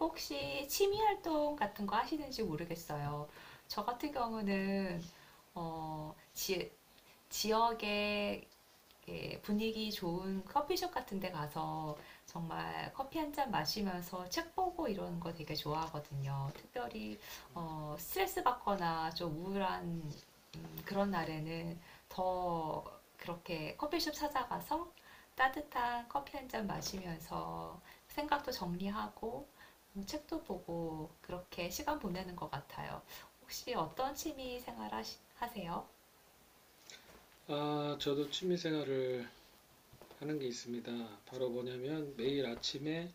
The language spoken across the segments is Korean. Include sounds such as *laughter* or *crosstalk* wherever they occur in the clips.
혹시 취미 활동 같은 거 하시는지 모르겠어요. 저 같은 경우는 어, 지, 지역에, 예, 분위기 좋은 커피숍 같은 데 가서 정말 커피 한 잔 마시면서 책 보고 이러는 거 되게 좋아하거든요. 특별히 스트레스 받거나 좀 우울한, 그런 날에는 더 그렇게 커피숍 찾아가서 따뜻한 커피 한 잔 마시면서 생각도 정리하고 책도 보고 그렇게 시간 보내는 것 같아요. 혹시 어떤 하세요? 아, 저도 취미 생활을 하는 게 있습니다. 바로 뭐냐면 매일 아침에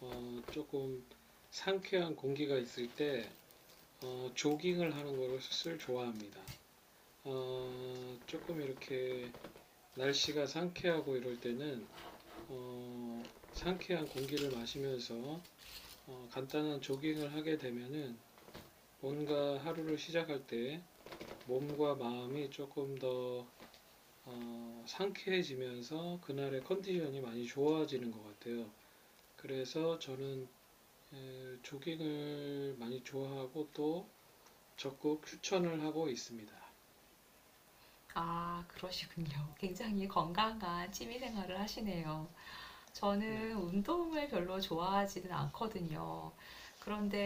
조금 상쾌한 공기가 있을 때 조깅을 하는 것을 좋아합니다. 조금 이렇게 날씨가 상쾌하고 이럴 때는 어, 상쾌한 공기를 마시면서 간단한 조깅을 하게 되면은 뭔가 하루를 시작할 때 몸과 마음이 조금 더 상쾌해지면서 그날의 컨디션이 많이 좋아지는 것 같아요. 그래서 저는 조깅을 많이 좋아하고 또 적극 추천을 하고 있습니다. 아, 그러시군요. 굉장히 건강한 취미 생활을 하시네요. 네, 저는 운동을 별로 좋아하지는 않거든요.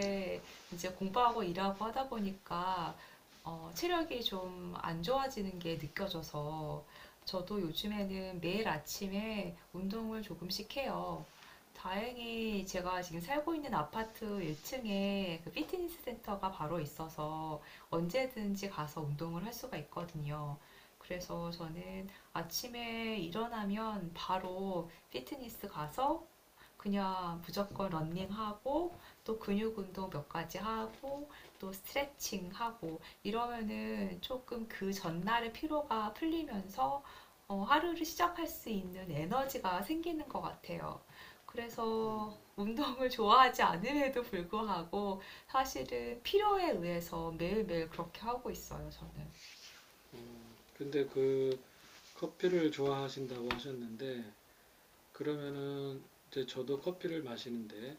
네. 이제 공부하고 일하고 하다 보니까 체력이 좀 안 좋아지는 게 느껴져서 저도 요즘에는 매일 아침에 운동을 조금씩 해요. 다행히 제가 지금 살고 있는 아파트 1층에 그 피트니스 센터가 바로 있어서 언제든지 가서 운동을 할 수가 있거든요. 그래서 저는 아침에 일어나면 바로 피트니스 가서 그냥 무조건 런닝하고 또 근육 운동 몇 가지 하고 또 스트레칭 하고 이러면은 조금 그 전날의 피로가 풀리면서 하루를 시작할 수 있는 에너지가 생기는 것 같아요. 그래서 운동을 *laughs* 좋아하지 않음에도 불구하고 사실은 필요에 의해서 매일매일 그렇게 하고 있어요, 저는. 근데 그 커피를 좋아하신다고 하셨는데 그러면은 이제 저도 커피를 마시는데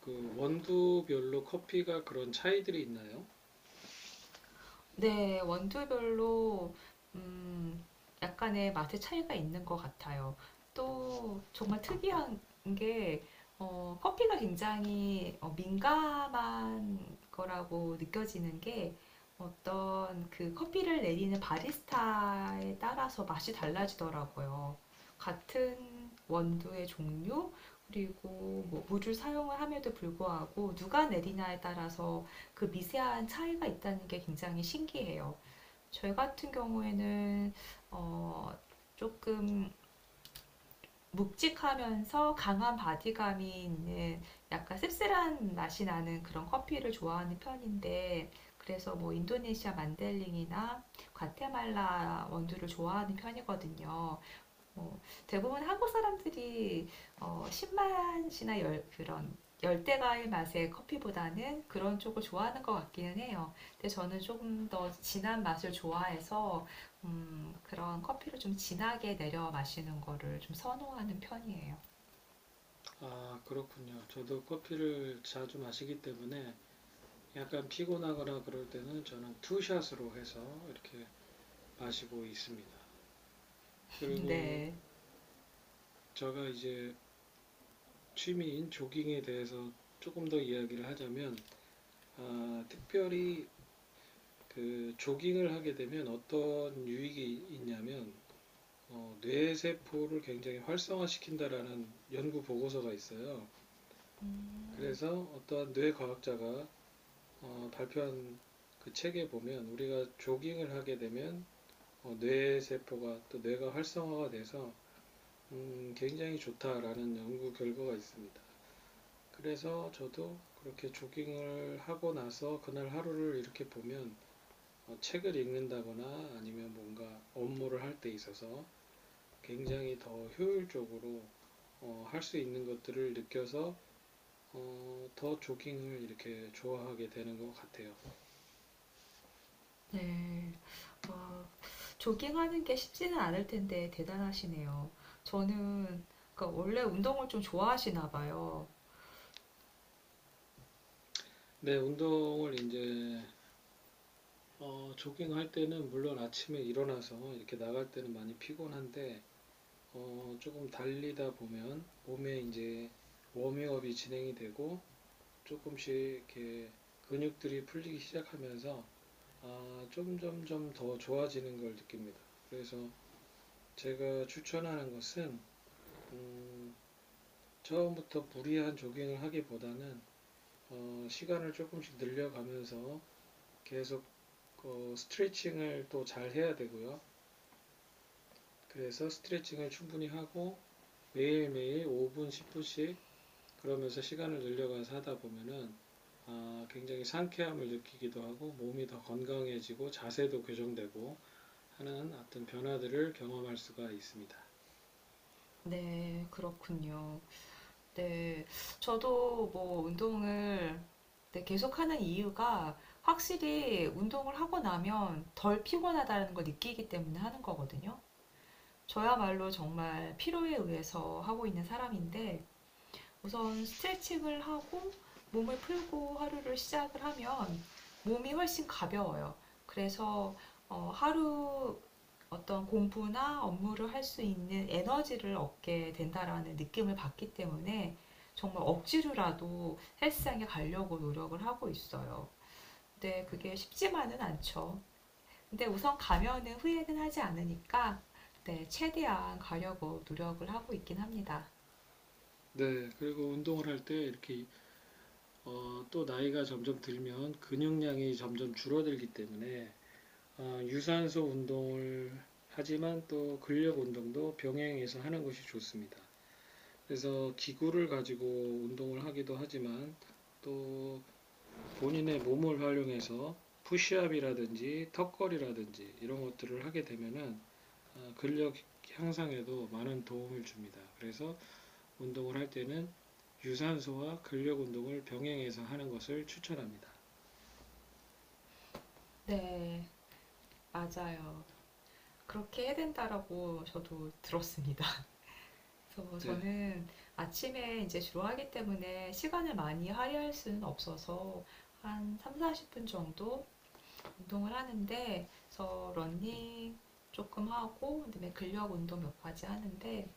그 원두별로 커피가 그런 차이들이 있나요? 네, 원두별로 음, 약간의 맛의 차이가 있는 것 같아요. 또 정말 특이한 게 커피가 굉장히 민감한 거라고 느껴지는 게, 어떤 그 커피를 내리는 바리스타에 따라서 맛이 달라지더라고요. 같은 원두의 종류 그리고 뭐 물을 사용을 함에도 불구하고 누가 내리냐에 따라서 그 미세한 차이가 있다는 게 굉장히 신기해요. 저희 같은 경우에는 어, 조금 묵직하면서 강한 바디감이 있는 약간 씁쓸한 맛이 나는 그런 커피를 좋아하는 편인데, 그래서 뭐 인도네시아 만델링이나 과테말라 원두를 좋아하는 편이거든요. 어, 대부분 한국 사람들이 신맛이나 그런 열대과일 맛의 커피보다는 그런 쪽을 좋아하는 것 같기는 해요. 근데 저는 조금 더 진한 맛을 좋아해서 그런 커피를 좀 진하게 내려 마시는 거를 좀 선호하는 편이에요. 아, 그렇군요. 저도 커피를 자주 마시기 때문에 약간 피곤하거나 그럴 때는 저는 투샷으로 해서 이렇게 마시고 있습니다. *laughs* 그리고 네. 제가 이제 취미인 조깅에 대해서 조금 더 이야기를 하자면 아, 특별히 그 조깅을 하게 되면 어떤 유익이 있냐면 뇌세포를 굉장히 활성화시킨다라는 연구 보고서가 있어요. 그래서 어떤 뇌과학자가 발표한 그 책에 보면 우리가 조깅을 하게 되면 뇌 세포가 또 뇌가 활성화가 돼서 굉장히 좋다라는 연구 결과가 있습니다. 그래서 저도 그렇게 조깅을 하고 나서 그날 하루를 이렇게 보면 책을 읽는다거나 아니면 뭔가 업무를 할 때 있어서 굉장히 더 효율적으로 할 수 있는 것들을 느껴서 더 조깅을 이렇게 좋아하게 되는 것 같아요. 네. 와, 조깅하는 게 쉽지는 않을 텐데 대단하시네요. 저는, 그러니까 원래 운동을 좀 좋아하시나 봐요. 네, 운동을 이제 조깅할 때는 물론 아침에 일어나서 이렇게 나갈 때는 많이 피곤한데, 조금 달리다 보면 몸에 이제 워밍업이 진행이 되고 조금씩 이렇게 근육들이 풀리기 시작하면서 아, 점점점 더 좋아지는 걸 느낍니다. 그래서 제가 추천하는 것은 음, 처음부터 무리한 조깅을 하기보다는 시간을 조금씩 늘려가면서 계속 스트레칭을 또 잘 해야 되고요. 그래서 스트레칭을 충분히 하고 매일매일 5분, 10분씩 그러면서 시간을 늘려가서 하다 보면은 아, 굉장히 상쾌함을 느끼기도 하고 몸이 더 건강해지고 자세도 교정되고 하는 어떤 변화들을 경험할 수가 있습니다. 네, 그렇군요. 네, 저도 뭐 운동을, 네, 계속하는 이유가 확실히 운동을 하고 나면 덜 피곤하다는 걸 느끼기 때문에 하는 거거든요. 저야말로 정말 피로에 의해서 하고 있는 사람인데, 우선 스트레칭을 하고 몸을 풀고 하루를 시작을 하면 몸이 훨씬 가벼워요. 그래서 하루 어떤 공부나 업무를 할 수 있는 에너지를 얻게 된다라는 느낌을 받기 때문에 정말 억지로라도 헬스장에 가려고 노력을 하고 있어요. 근데 그게 쉽지만은 않죠. 근데 우선 가면은 후회는 하지 않으니까 네, 최대한 가려고 노력을 하고 있긴 합니다. 네, 그리고 운동을 할 때 이렇게 또 나이가 점점 들면 근육량이 점점 줄어들기 때문에 유산소 운동을 하지만 또 근력 운동도 병행해서 하는 것이 좋습니다. 그래서 기구를 가지고 운동을 하기도 하지만 또 본인의 몸을 활용해서 푸시업이라든지 턱걸이라든지 이런 것들을 하게 되면은 아, 근력 향상에도 많은 도움을 줍니다. 그래서 운동을 할 때는 유산소와 근력 운동을 병행해서 하는 것을 추천합니다. 네, 맞아요. 그렇게 해야 된다라고 저도 들었습니다. 그래서 네, 저는 아침에 이제 주로 하기 때문에 시간을 많이 할애할 수는 없어서 한 3, 40분 정도 운동을 하는데, 그래서 러닝 조금 하고 그다음에 근력 운동 몇 가지 하는데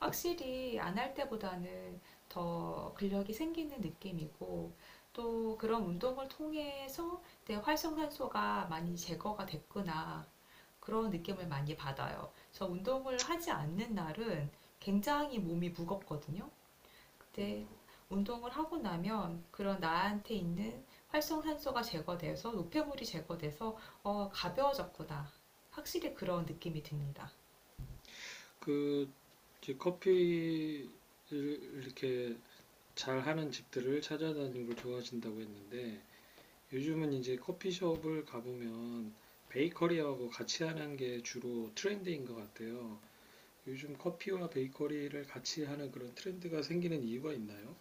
확실히 안 할 때보다는 더 근력이 생기는 느낌이고, 또 그런 운동을 통해서 내 활성산소가 많이 제거가 됐구나, 그런 느낌을 많이 받아요. 저 운동을 하지 않는 날은 굉장히 몸이 무겁거든요. 그때 운동을 하고 나면 그런 나한테 있는 활성산소가 제거돼서 노폐물이 제거돼서 가벼워졌구나. 확실히 그런 느낌이 듭니다. 그 커피를 이렇게 잘 하는 집들을 찾아다니는 걸 좋아하신다고 했는데 요즘은 이제 커피숍을 가보면 베이커리하고 같이 하는 게 주로 트렌드인 것 같아요. 요즘 커피와 베이커리를 같이 하는 그런 트렌드가 생기는 이유가 있나요?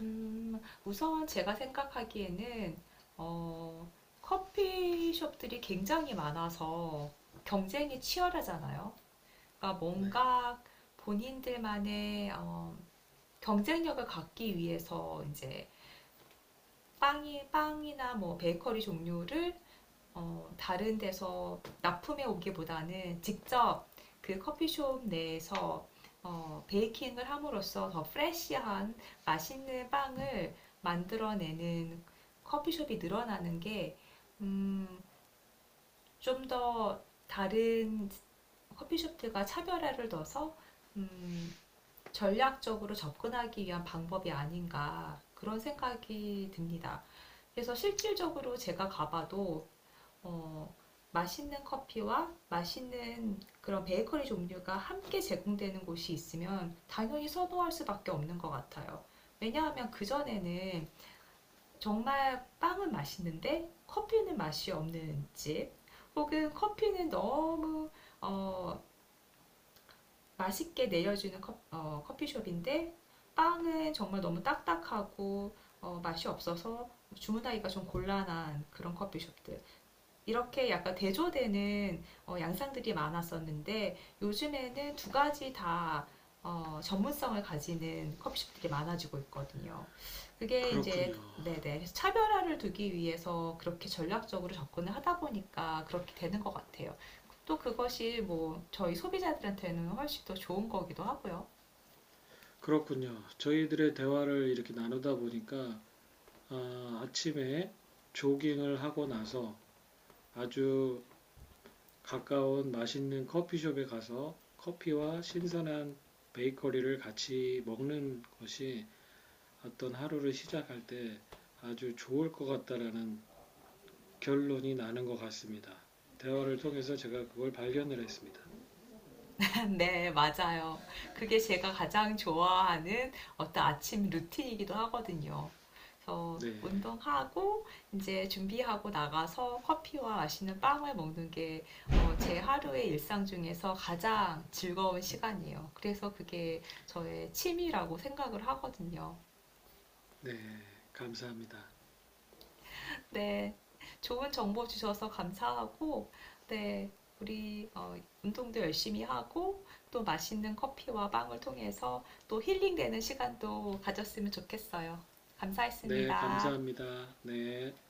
우선 제가 생각하기에는 어, 커피숍들이 굉장히 많아서 경쟁이 치열하잖아요. 그러니까 네. 뭔가 본인들만의 경쟁력을 갖기 위해서 이제 빵이나 뭐 베이커리 종류를 다른 데서 납품해 오기보다는 직접 그 커피숍 내에서 베이킹을 함으로써 더 프레시한 맛있는 빵을 만들어내는 커피숍이 늘어나는 게, 음, 좀 더 다른 커피숍들과 차별화를 둬서, 음, 전략적으로 접근하기 위한 방법이 아닌가 그런 생각이 듭니다. 그래서 실질적으로 제가 가봐도 어, 맛있는 커피와 맛있는 그런 베이커리 종류가 함께 제공되는 곳이 있으면 당연히 선호할 수밖에 없는 것 같아요. 왜냐하면 그전에는 정말 빵은 맛있는데 커피는 맛이 없는 집, 혹은 커피는 너무 어, 맛있게 내려주는 커피숍인데 빵은 정말 너무 딱딱하고 맛이 없어서 주문하기가 좀 곤란한 그런 커피숍들, 이렇게 약간 대조되는 양상들이 많았었는데 요즘에는 두 가지 다 전문성을 가지는 커피숍들이 많아지고 있거든요. 그게 이제 그렇군요. 네네, 그래서 차별화를 두기 위해서 그렇게 전략적으로 접근을 하다 보니까 그렇게 되는 것 같아요. 또 그것이 뭐 저희 소비자들한테는 훨씬 더 좋은 거기도 하고요. 그렇군요. 저희들의 대화를 이렇게 나누다 보니까 아, 아침에 조깅을 하고 나서 아주 가까운 맛있는 커피숍에 가서 커피와 신선한 베이커리를 같이 먹는 것이 어떤 하루를 시작할 때 아주 좋을 것 같다라는 결론이 나는 것 같습니다. 대화를 통해서 제가 그걸 발견을 했습니다. *laughs* 네, 맞아요. 그게 제가 가장 좋아하는 어떤 아침 루틴이기도 하거든요. 그래서 네, 운동하고 이제 준비하고 나가서 커피와 맛있는 빵을 먹는 게, 제 하루의 일상 중에서 가장 즐거운 시간이에요. 그래서 그게 저의 취미라고 생각을 하거든요. 네, 감사합니다. *laughs* 네. 좋은 정보 주셔서 감사하고, 네. 우리 운동도 열심히 하고, 또 맛있는 커피와 빵을 통해서 또 힐링되는 시간도 가졌으면 좋겠어요. 네, 감사했습니다. 감사합니다. 네.